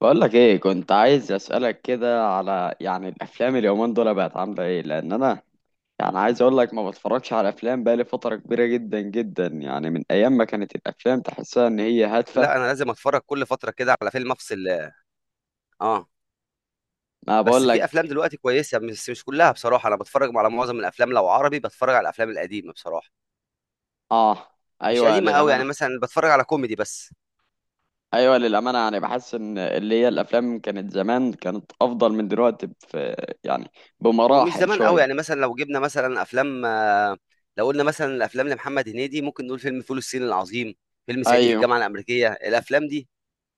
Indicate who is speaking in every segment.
Speaker 1: بقولك ايه، كنت عايز اسألك كده على يعني الافلام اليومين دول بقت عاملة ايه؟ لان انا يعني عايز اقولك ما بتفرجش على افلام بقالي فترة كبيرة جدا جدا، يعني من ايام ما كانت الافلام تحسها ان هي هادفة.
Speaker 2: لا، انا لازم اتفرج كل فتره كده على فيلم افصل. اه.
Speaker 1: ما
Speaker 2: بس في افلام
Speaker 1: بقولك.
Speaker 2: دلوقتي كويسه، بس مش كلها بصراحه. انا بتفرج على معظم الافلام، لو عربي بتفرج على الافلام القديمه بصراحه.
Speaker 1: اه.
Speaker 2: مش
Speaker 1: ايوه
Speaker 2: قديمه قوي،
Speaker 1: للأمانة.
Speaker 2: يعني مثلا بتفرج على كوميدي بس.
Speaker 1: ايوه للأمانة، يعني بحس ان اللي هي الافلام كانت زمان، كانت افضل من دلوقتي في، يعني،
Speaker 2: ومش
Speaker 1: بمراحل
Speaker 2: زمان قوي،
Speaker 1: شوية.
Speaker 2: يعني مثلا لو جبنا مثلا افلام لو قلنا مثلا الافلام لمحمد هنيدي ممكن نقول فيلم فول الصين العظيم، فيلم صعيدي في
Speaker 1: ايوه،
Speaker 2: الجامعه الامريكيه. الافلام دي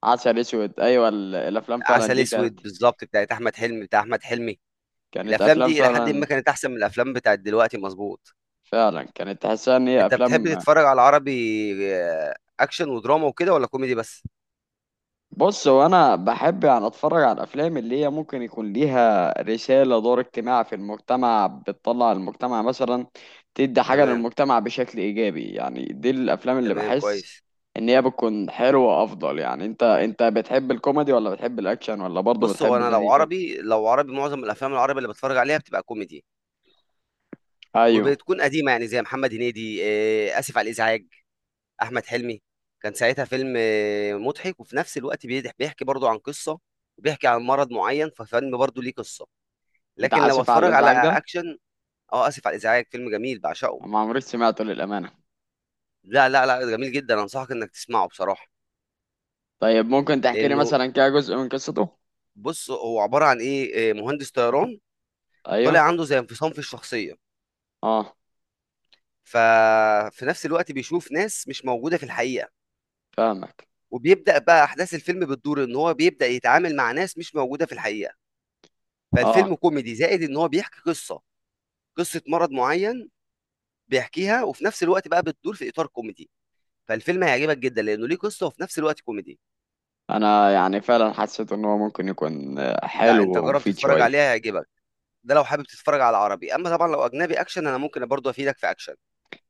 Speaker 1: عسل اسود، ايوه الافلام فعلا
Speaker 2: عسل
Speaker 1: دي كانت،
Speaker 2: اسود بالظبط، بتاعت احمد حلمي، بتاع احمد حلمي.
Speaker 1: كانت
Speaker 2: الافلام
Speaker 1: افلام
Speaker 2: دي الى حد
Speaker 1: فعلا.
Speaker 2: ما كانت احسن من الافلام بتاعت دلوقتي، مظبوط.
Speaker 1: فعلا كانت تحسها ان هي
Speaker 2: انت بتحب
Speaker 1: افلام.
Speaker 2: تتفرج على عربي اكشن ودراما وكده، ولا كوميدي بس؟
Speaker 1: بص، هو انا بحب يعني اتفرج على الافلام اللي هي ممكن يكون ليها رساله، دور اجتماعي في المجتمع، بتطلع المجتمع مثلا، تدي حاجه
Speaker 2: تمام.
Speaker 1: للمجتمع بشكل ايجابي. يعني دي الافلام اللي
Speaker 2: تمام،
Speaker 1: بحس
Speaker 2: كويس.
Speaker 1: ان هي بتكون حلوه افضل. يعني انت بتحب الكوميدي ولا بتحب الاكشن ولا برضه
Speaker 2: بص هو
Speaker 1: بتحب
Speaker 2: انا لو
Speaker 1: زي كده؟
Speaker 2: عربي معظم الافلام العربي اللي بتفرج عليها بتبقى كوميدي،
Speaker 1: ايوه،
Speaker 2: وبتكون قديمه، يعني زي محمد هنيدي. اسف على الازعاج، احمد حلمي، كان ساعتها فيلم مضحك وفي نفس الوقت بيحكي برضو عن قصه، وبيحكي عن مرض معين، ففيلم برضو ليه قصه. لكن
Speaker 1: بتاع
Speaker 2: لو
Speaker 1: اسف على
Speaker 2: اتفرج على
Speaker 1: الازعاج ده؟
Speaker 2: اكشن. اه، اسف على الازعاج فيلم جميل بعشقه.
Speaker 1: ما عمريش سمعته للامانه.
Speaker 2: لا لا لا، جميل جدا، انصحك انك تسمعه بصراحه.
Speaker 1: طيب ممكن تحكي لي
Speaker 2: لانه
Speaker 1: مثلا كده جزء من قصته؟
Speaker 2: بص هو عبارة عن إيه إيه، مهندس طيران، طالع
Speaker 1: ايوه.
Speaker 2: عنده زي انفصام في الشخصية.
Speaker 1: اه.
Speaker 2: ففي نفس الوقت بيشوف ناس مش موجودة في الحقيقة،
Speaker 1: فاهمك.
Speaker 2: وبيبدأ بقى أحداث الفيلم بتدور، إن هو بيبدأ يتعامل مع ناس مش موجودة في الحقيقة.
Speaker 1: اه.
Speaker 2: فالفيلم كوميدي زائد إن هو بيحكي قصة، قصة مرض معين، بيحكيها وفي نفس الوقت بقى بتدور في إطار كوميدي. فالفيلم هيعجبك جدا لأنه ليه قصة وفي نفس الوقت كوميدي.
Speaker 1: انا يعني فعلا حسيت ان هو ممكن يكون
Speaker 2: لا،
Speaker 1: حلو
Speaker 2: أنت جرب
Speaker 1: ومفيد
Speaker 2: تتفرج
Speaker 1: شويه.
Speaker 2: عليها هيعجبك. ده لو حابب تتفرج على عربي، أما طبعا لو أجنبي أكشن أنا ممكن برضه أفيدك في أكشن.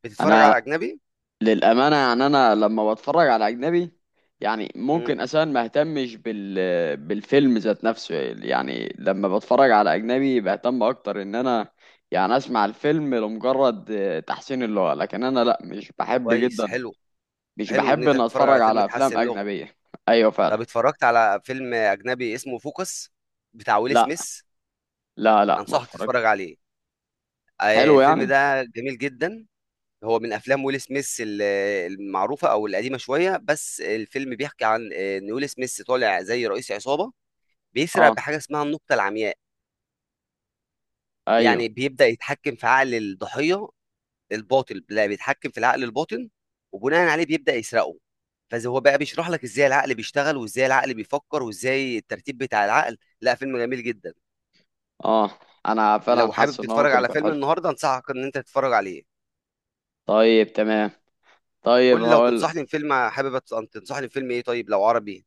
Speaker 2: بتتفرج على
Speaker 1: انا
Speaker 2: أجنبي؟
Speaker 1: للامانه، يعني انا لما بتفرج على اجنبي يعني
Speaker 2: مم.
Speaker 1: ممكن اساسا ما اهتمش بال، بالفيلم ذات نفسه. يعني لما بتفرج على اجنبي بهتم اكتر ان انا يعني اسمع الفيلم لمجرد تحسين اللغه، لكن انا لا، مش بحب
Speaker 2: كويس،
Speaker 1: جدا،
Speaker 2: حلو.
Speaker 1: مش
Speaker 2: حلو ان
Speaker 1: بحب
Speaker 2: انت
Speaker 1: ان
Speaker 2: تتفرج
Speaker 1: اتفرج
Speaker 2: على فيلم
Speaker 1: على افلام
Speaker 2: تحسن لغه.
Speaker 1: اجنبيه. ايوه
Speaker 2: طب
Speaker 1: فعلا.
Speaker 2: اتفرجت على فيلم اجنبي اسمه فوكس، بتاع ويل
Speaker 1: لا
Speaker 2: سميث؟
Speaker 1: لا لا، ما
Speaker 2: انصحك
Speaker 1: اتفرج.
Speaker 2: تتفرج عليه.
Speaker 1: حلو
Speaker 2: الفيلم
Speaker 1: يعني.
Speaker 2: ده جميل جدا. هو من افلام ويل سميث المعروفه او القديمه شويه. بس الفيلم بيحكي عن ان ويل سميث طالع زي رئيس عصابه، بيسرق
Speaker 1: اه.
Speaker 2: بحاجه اسمها النقطه العمياء.
Speaker 1: ايوه.
Speaker 2: يعني بيبدا يتحكم في عقل الضحيه الباطن، لا بيتحكم في العقل الباطن، وبناء عليه بيبدأ يسرقه. فزي هو بقى بيشرح لك ازاي العقل بيشتغل، وازاي العقل بيفكر، وازاي الترتيب بتاع العقل، لا فيلم جميل جدا.
Speaker 1: اه انا فعلا
Speaker 2: لو حابب
Speaker 1: حاسس ان هو
Speaker 2: تتفرج
Speaker 1: ممكن
Speaker 2: على
Speaker 1: يكون
Speaker 2: فيلم
Speaker 1: حلو.
Speaker 2: النهارده انصحك ان انت تتفرج عليه.
Speaker 1: طيب تمام. طيب
Speaker 2: قول لي لو
Speaker 1: هقولك.
Speaker 2: تنصحني بفيلم، حابب أن تنصحني بفيلم ايه؟ طيب لو عربي،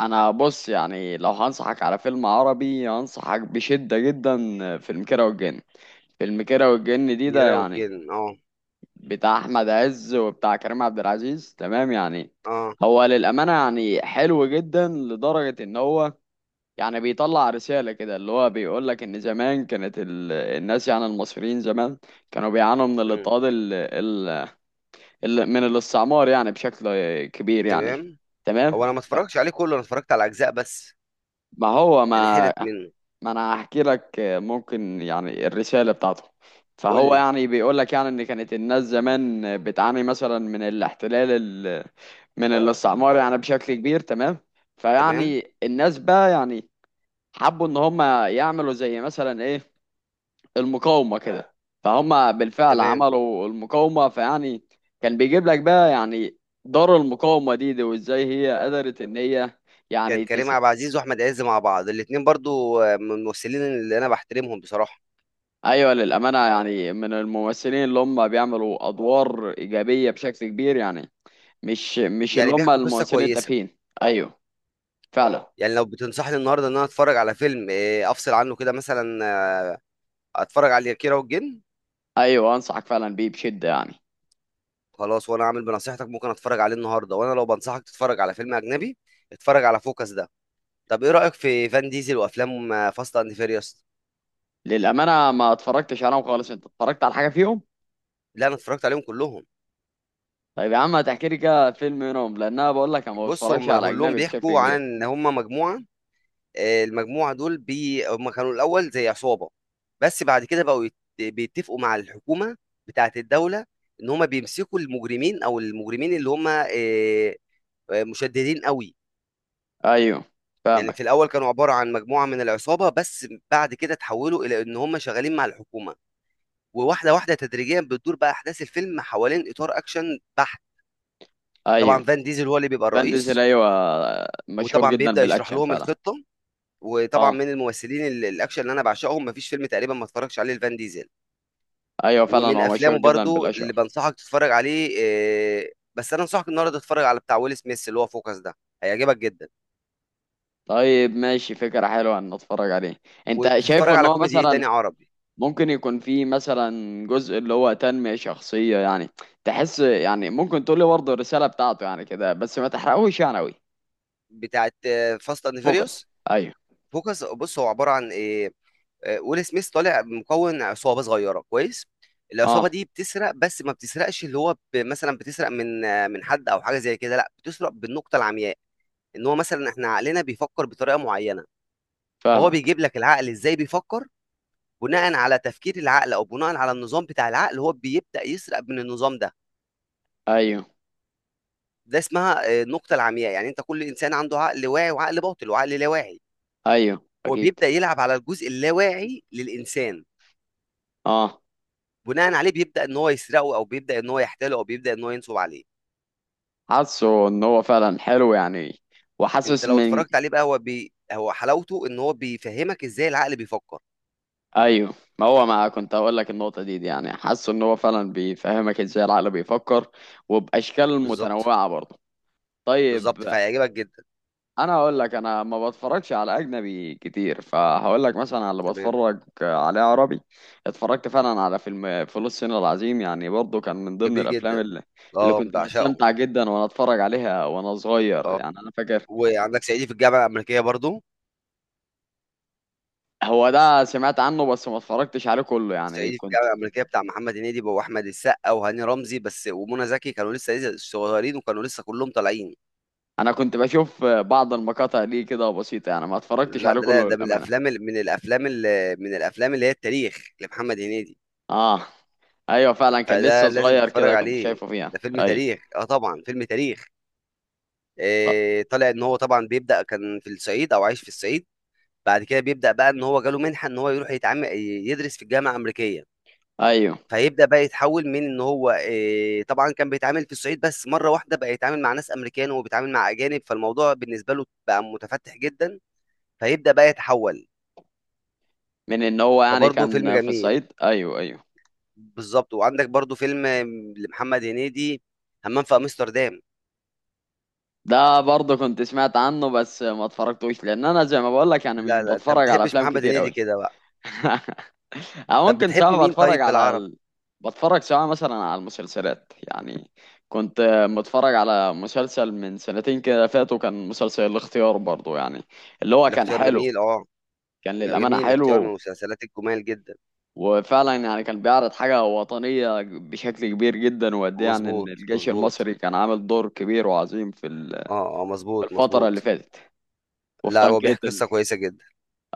Speaker 1: انا بص، يعني لو هنصحك على فيلم عربي هنصحك بشدة جدا، فيلم كيرة والجن. فيلم كيرة والجن دي، ده
Speaker 2: كيرة
Speaker 1: يعني
Speaker 2: والجن. اه.
Speaker 1: بتاع احمد عز وبتاع كريم عبد العزيز، تمام يعني.
Speaker 2: اه.
Speaker 1: هو للأمانة يعني حلو جدا لدرجة ان هو يعني بيطلع رسالة كده، اللي هو بيقولك ان زمان كانت الناس، يعني المصريين زمان كانوا بيعانوا من
Speaker 2: امم.
Speaker 1: الاضطهاد من الاستعمار يعني بشكل كبير يعني.
Speaker 2: تمام.
Speaker 1: تمام.
Speaker 2: هو انا ما اتفرجتش عليه كله، انا اتفرجت على اجزاء بس،
Speaker 1: ما هو
Speaker 2: يعني
Speaker 1: ما
Speaker 2: حتت منه.
Speaker 1: ما انا هحكي لك ممكن يعني الرسالة بتاعته.
Speaker 2: قول
Speaker 1: فهو
Speaker 2: لي.
Speaker 1: يعني بيقول لك يعني ان كانت الناس زمان بتعاني مثلا من الاحتلال، ال... من اه الاستعمار يعني بشكل كبير، تمام.
Speaker 2: تمام.
Speaker 1: فيعني الناس بقى يعني حبوا ان هم يعملوا زي مثلا ايه، المقاومة كده. فهم بالفعل
Speaker 2: تمام.
Speaker 1: عملوا المقاومة، فيعني كان بيجيب لك بقى يعني دار المقاومة دي، وازاي هي قدرت ان هي،
Speaker 2: كان
Speaker 1: يعني.
Speaker 2: كريم عبد العزيز واحمد عز مع بعض الاتنين برضو من الممثلين اللي انا بحترمهم بصراحه،
Speaker 1: ايوه للامانه، يعني من الممثلين اللي هم بيعملوا ادوار ايجابيه بشكل كبير يعني، مش اللي
Speaker 2: يعني
Speaker 1: هم
Speaker 2: بيحكوا قصه
Speaker 1: الممثلين
Speaker 2: كويسه.
Speaker 1: التافهين. ايوه فعلا.
Speaker 2: يعني لو بتنصحني النهارده ان انا اتفرج على فيلم، افصل عنه كده مثلا، آه، اتفرج على كيرة والجن.
Speaker 1: ايوه انصحك فعلا بيه بشده يعني.
Speaker 2: خلاص، وانا عامل بنصيحتك ممكن اتفرج عليه النهارده، وانا لو بنصحك تتفرج على فيلم اجنبي اتفرج على فوكس ده. طب ايه رايك في فان ديزل وافلام فاست اند فيريوس؟
Speaker 1: للامانه ما اتفرجتش عليهم خالص، انت اتفرجت على حاجه فيهم؟
Speaker 2: لا، انا اتفرجت عليهم كلهم.
Speaker 1: طيب يا عم هتحكي لي كده فيلم منهم، لان انا بقول لك انا ما
Speaker 2: بص
Speaker 1: بتفرجش
Speaker 2: هم
Speaker 1: على
Speaker 2: كلهم
Speaker 1: اجنبي بشكل
Speaker 2: بيحكوا عن
Speaker 1: كبير.
Speaker 2: ان هم مجموعه، المجموعه دول هم كانوا الاول زي عصابه، بس بعد كده بقوا بيتفقوا مع الحكومه، بتاعه الدوله، ان هم بيمسكوا المجرمين، او المجرمين اللي هم مشددين قوي.
Speaker 1: ايوه.
Speaker 2: يعني في
Speaker 1: فاهمك.
Speaker 2: الاول كانوا عباره عن مجموعه من العصابه، بس بعد كده تحولوا الى ان هم شغالين مع الحكومه. وواحده واحده تدريجيا بتدور بقى احداث الفيلم حوالين اطار اكشن بحت. طبعا
Speaker 1: ايوه،
Speaker 2: فان ديزل هو اللي بيبقى
Speaker 1: فان ديزل،
Speaker 2: الرئيس،
Speaker 1: ايوه مشهور
Speaker 2: وطبعا
Speaker 1: جدا
Speaker 2: بيبدا يشرح
Speaker 1: بالاكشن
Speaker 2: لهم
Speaker 1: فعلا.
Speaker 2: الخطه. وطبعا
Speaker 1: اه.
Speaker 2: من الممثلين الاكشن اللي انا بعشقهم، مفيش فيلم تقريبا ما اتفرجش عليه لفان ديزل.
Speaker 1: ايوه فعلا،
Speaker 2: ومن
Speaker 1: هو مشهور
Speaker 2: افلامه
Speaker 1: جدا
Speaker 2: برضو
Speaker 1: بالاكشن.
Speaker 2: اللي بنصحك تتفرج عليه، آه، بس انا انصحك النهارده تتفرج على بتاع ويل سميث اللي هو فوكس ده، هيعجبك جدا.
Speaker 1: طيب ماشي، فكرة حلوة ان اتفرج عليه. انت شايف
Speaker 2: وتتفرج
Speaker 1: ان
Speaker 2: على
Speaker 1: هو
Speaker 2: كوميدي ايه تاني
Speaker 1: مثلا
Speaker 2: عربي.
Speaker 1: ممكن يكون فيه مثلا جزء اللي هو تنمية شخصية يعني؟ تحس؟ يعني ممكن تقول لي برضه الرسالة بتاعته يعني كده، بس ما تحرقوش يعني قوي.
Speaker 2: بتاعت فاست اند
Speaker 1: فوكس،
Speaker 2: فيريوس.
Speaker 1: ايوه.
Speaker 2: فوكس، بص هو عباره عن ايه. ويل سميث طالع مكون عصابه صغيره، كويس. العصابه
Speaker 1: اه.
Speaker 2: دي بتسرق، بس ما بتسرقش اللي هو مثلا بتسرق من من حد او حاجه زي كده، لا بتسرق بالنقطه العمياء. ان هو مثلا احنا عقلنا بيفكر بطريقه معينه. فهو
Speaker 1: فاهمك.
Speaker 2: بيجيب لك العقل ازاي بيفكر، بناء على تفكير العقل او بناء على النظام بتاع العقل، هو بيبدا يسرق من النظام ده.
Speaker 1: ايوه.
Speaker 2: ده اسمها النقطه العمياء، يعني انت كل انسان عنده عقل واعي وعقل باطل وعقل لا واعي،
Speaker 1: ايوه
Speaker 2: هو
Speaker 1: اكيد.
Speaker 2: بيبدا يلعب على الجزء اللاواعي للانسان،
Speaker 1: اه.
Speaker 2: بناء عليه بيبدا ان هو يسرقه، او بيبدا ان هو يحتاله، او بيبدا ان هو ينصب عليه.
Speaker 1: حاسه ان هو فعلا حلو يعني.
Speaker 2: انت
Speaker 1: وحاسس
Speaker 2: لو
Speaker 1: من،
Speaker 2: اتفرجت عليه بقى هو هو حلاوته ان هو بيفهمك ازاي العقل بيفكر.
Speaker 1: ايوه، ما هو ما كنت هقول لك النقطة دي يعني، حاسه ان هو فعلا بيفهمك ازاي العقل بيفكر، وباشكال
Speaker 2: بالظبط،
Speaker 1: متنوعة برضه. طيب.
Speaker 2: بالظبط، فهيعجبك جدا.
Speaker 1: انا هقول لك انا ما بتفرجش على اجنبي كتير، فهقول لك مثلا على اللي
Speaker 2: تمام.
Speaker 1: بتفرج عليه عربي. اتفرجت فعلا على فيلم فول الصين العظيم، يعني برضه كان من ضمن
Speaker 2: جميل
Speaker 1: الافلام
Speaker 2: جدا.
Speaker 1: اللي
Speaker 2: اه،
Speaker 1: كنت
Speaker 2: بعشقه.
Speaker 1: بستمتع جدا وانا اتفرج عليها وانا صغير،
Speaker 2: اه،
Speaker 1: يعني انا فاكر.
Speaker 2: وعندك صعيدي في الجامعه الامريكيه برضو.
Speaker 1: هو ده سمعت عنه بس ما اتفرجتش عليه كله، يعني
Speaker 2: صعيدي في
Speaker 1: كنت،
Speaker 2: الجامعه الامريكيه بتاع محمد هنيدي واحمد السقا وهاني رمزي بس، ومنى زكي، كانوا لسه صغيرين، وكانوا لسه كلهم طالعين.
Speaker 1: انا كنت بشوف بعض المقاطع دي كده بسيطة، يعني ما اتفرجتش
Speaker 2: لا،
Speaker 1: عليه
Speaker 2: ده، لا
Speaker 1: كله
Speaker 2: ده من
Speaker 1: للأمانة.
Speaker 2: الافلام من الافلام اللي هي التاريخ لمحمد هنيدي،
Speaker 1: اه. ايوه فعلا كان
Speaker 2: فده
Speaker 1: لسه
Speaker 2: لازم
Speaker 1: صغير
Speaker 2: تتفرج
Speaker 1: كده، كنت
Speaker 2: عليه.
Speaker 1: شايفه فيها.
Speaker 2: ده فيلم
Speaker 1: ايوه،
Speaker 2: تاريخ، اه طبعا فيلم تاريخ. إيه طالع ان هو طبعا بيبدا كان في الصعيد، او عايش في الصعيد. بعد كده بيبدا بقى ان هو جاله منحه ان هو يروح يتعامل يدرس في الجامعه الامريكيه.
Speaker 1: ايوه،
Speaker 2: فيبدأ بقى يتحول، من إن هو طبعًا كان بيتعامل في الصعيد بس، مرّة واحدة بقى يتعامل مع ناس أمريكان وبيتعامل مع أجانب، فالموضوع بالنسبة له بقى متفتِّح جدًا، فيبدأ بقى يتحول.
Speaker 1: من ان هو يعني
Speaker 2: فبرضه فيلم
Speaker 1: كان في
Speaker 2: جميل.
Speaker 1: الصعيد، ايوه ايوه.
Speaker 2: بالضبط، وعندك برضه فيلم لمحمد هنيدي، همام في أمستردام.
Speaker 1: ده برضه كنت سمعت عنه بس ما اتفرجتوش، لان انا زي ما بقول لك انا مش
Speaker 2: لا، لا، أنت ما
Speaker 1: بتفرج على
Speaker 2: بتحبش
Speaker 1: افلام
Speaker 2: محمد
Speaker 1: كتير
Speaker 2: هنيدي
Speaker 1: قوي.
Speaker 2: كده بقى.
Speaker 1: او
Speaker 2: طب
Speaker 1: ممكن
Speaker 2: بتحب
Speaker 1: سواء
Speaker 2: مين طيب
Speaker 1: بتفرج
Speaker 2: في
Speaker 1: على
Speaker 2: العربي؟
Speaker 1: بتفرج سواء مثلا على المسلسلات يعني. كنت متفرج على مسلسل من سنتين كده فاتوا، كان مسلسل الاختيار برضه، يعني اللي هو كان
Speaker 2: الاختيار
Speaker 1: حلو.
Speaker 2: جميل.
Speaker 1: كان للأمانة
Speaker 2: جميل، الاختيار من
Speaker 1: حلو.
Speaker 2: المسلسلات الجُمال جدًا.
Speaker 1: وفعلا يعني كان بيعرض حاجة وطنية بشكل كبير جدا، وقد إيه يعني إن
Speaker 2: مضبوط،
Speaker 1: الجيش
Speaker 2: مضبوط.
Speaker 1: المصري كان عامل دور كبير وعظيم في
Speaker 2: مضبوط،
Speaker 1: الفترة اللي
Speaker 2: مضبوط.
Speaker 1: فاتت.
Speaker 2: لأ،
Speaker 1: وفطن
Speaker 2: هو بيحكي
Speaker 1: كيتل.
Speaker 2: قصة كويسة جدًا.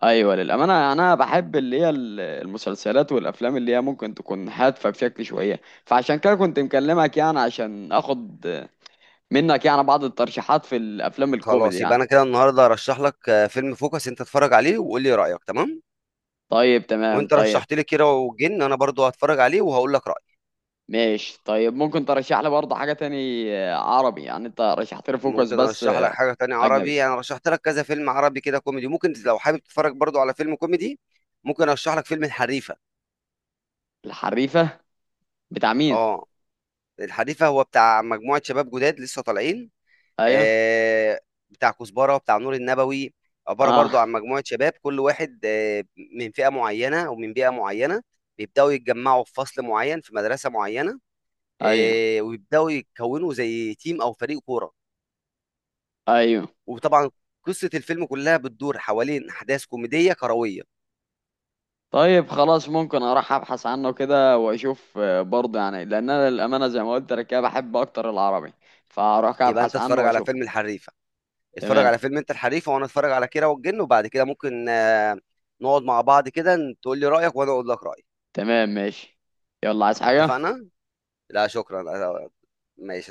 Speaker 1: ايوه للامانه، انا بحب اللي هي المسلسلات والافلام اللي هي ممكن تكون هادفه بشكل شويه. فعشان كده كنت مكلمك يعني عشان اخد منك يعني بعض الترشيحات في الافلام الكوميدي
Speaker 2: خلاص، يبقى
Speaker 1: يعني.
Speaker 2: أنا كده النهارده هارشّح لك فيلم فوكس، أنت اتفرّج عليه وقُل لي رأيك، تمام.
Speaker 1: طيب تمام.
Speaker 2: وأنت
Speaker 1: طيب
Speaker 2: رشّحت لي كيرة والجن، أنا برضه هاتفرّج عليه وهاقول لك رأيي.
Speaker 1: ماشي. طيب ممكن ترشح لي برضه حاجه تاني عربي؟ يعني انت رشحت لي فوكس
Speaker 2: ممكن
Speaker 1: بس
Speaker 2: أرشّح لك حاجة تانية
Speaker 1: اجنبي.
Speaker 2: عربي، أنا رشّحت لك كذا فيلم عربي كده كوميدي، ممكن لو حابب تتفرّج برضه على فيلم كوميدي. ممكن أرشّح لك فيلم الحريفة.
Speaker 1: الحريفه، بتاع مين؟
Speaker 2: آه، الحريفة هو بتاع مجموعة شباب جداد لسه طالعين.
Speaker 1: ايوه.
Speaker 2: آه، بتاع كزبره، بتاع نور النبوي. عباره
Speaker 1: اه.
Speaker 2: برضو عن مجموعه شباب، كل واحد من فئه معينه ومن بيئه معينه، بيبداوا يتجمعوا في فصل معين في مدرسه معينه.
Speaker 1: ايوه.
Speaker 2: ويبداوا يكونوا زي تيم او فريق كوره،
Speaker 1: ايوه.
Speaker 2: وطبعا قصه الفيلم كلها بتدور حوالين احداث كوميديه كرويه.
Speaker 1: طيب خلاص، ممكن اروح ابحث عنه كده واشوف، آه، برضه يعني لان انا للامانه زي ما قلت لك كده، بحب اكتر العربي. فاروح كده
Speaker 2: يبقى انت
Speaker 1: ابحث عنه
Speaker 2: تتفرج على
Speaker 1: واشوفه.
Speaker 2: فيلم الحريفه، اتفرج
Speaker 1: تمام.
Speaker 2: على فيلم انت الحريفه، وانا اتفرج على كيرة والجن، وبعد كده ممكن نقعد مع بعض كده، تقول لي رايك وانا اقول لك رايي.
Speaker 1: تمام ماشي. يلا، عايز حاجه؟
Speaker 2: اتفقنا. لا شكرا، ماشي.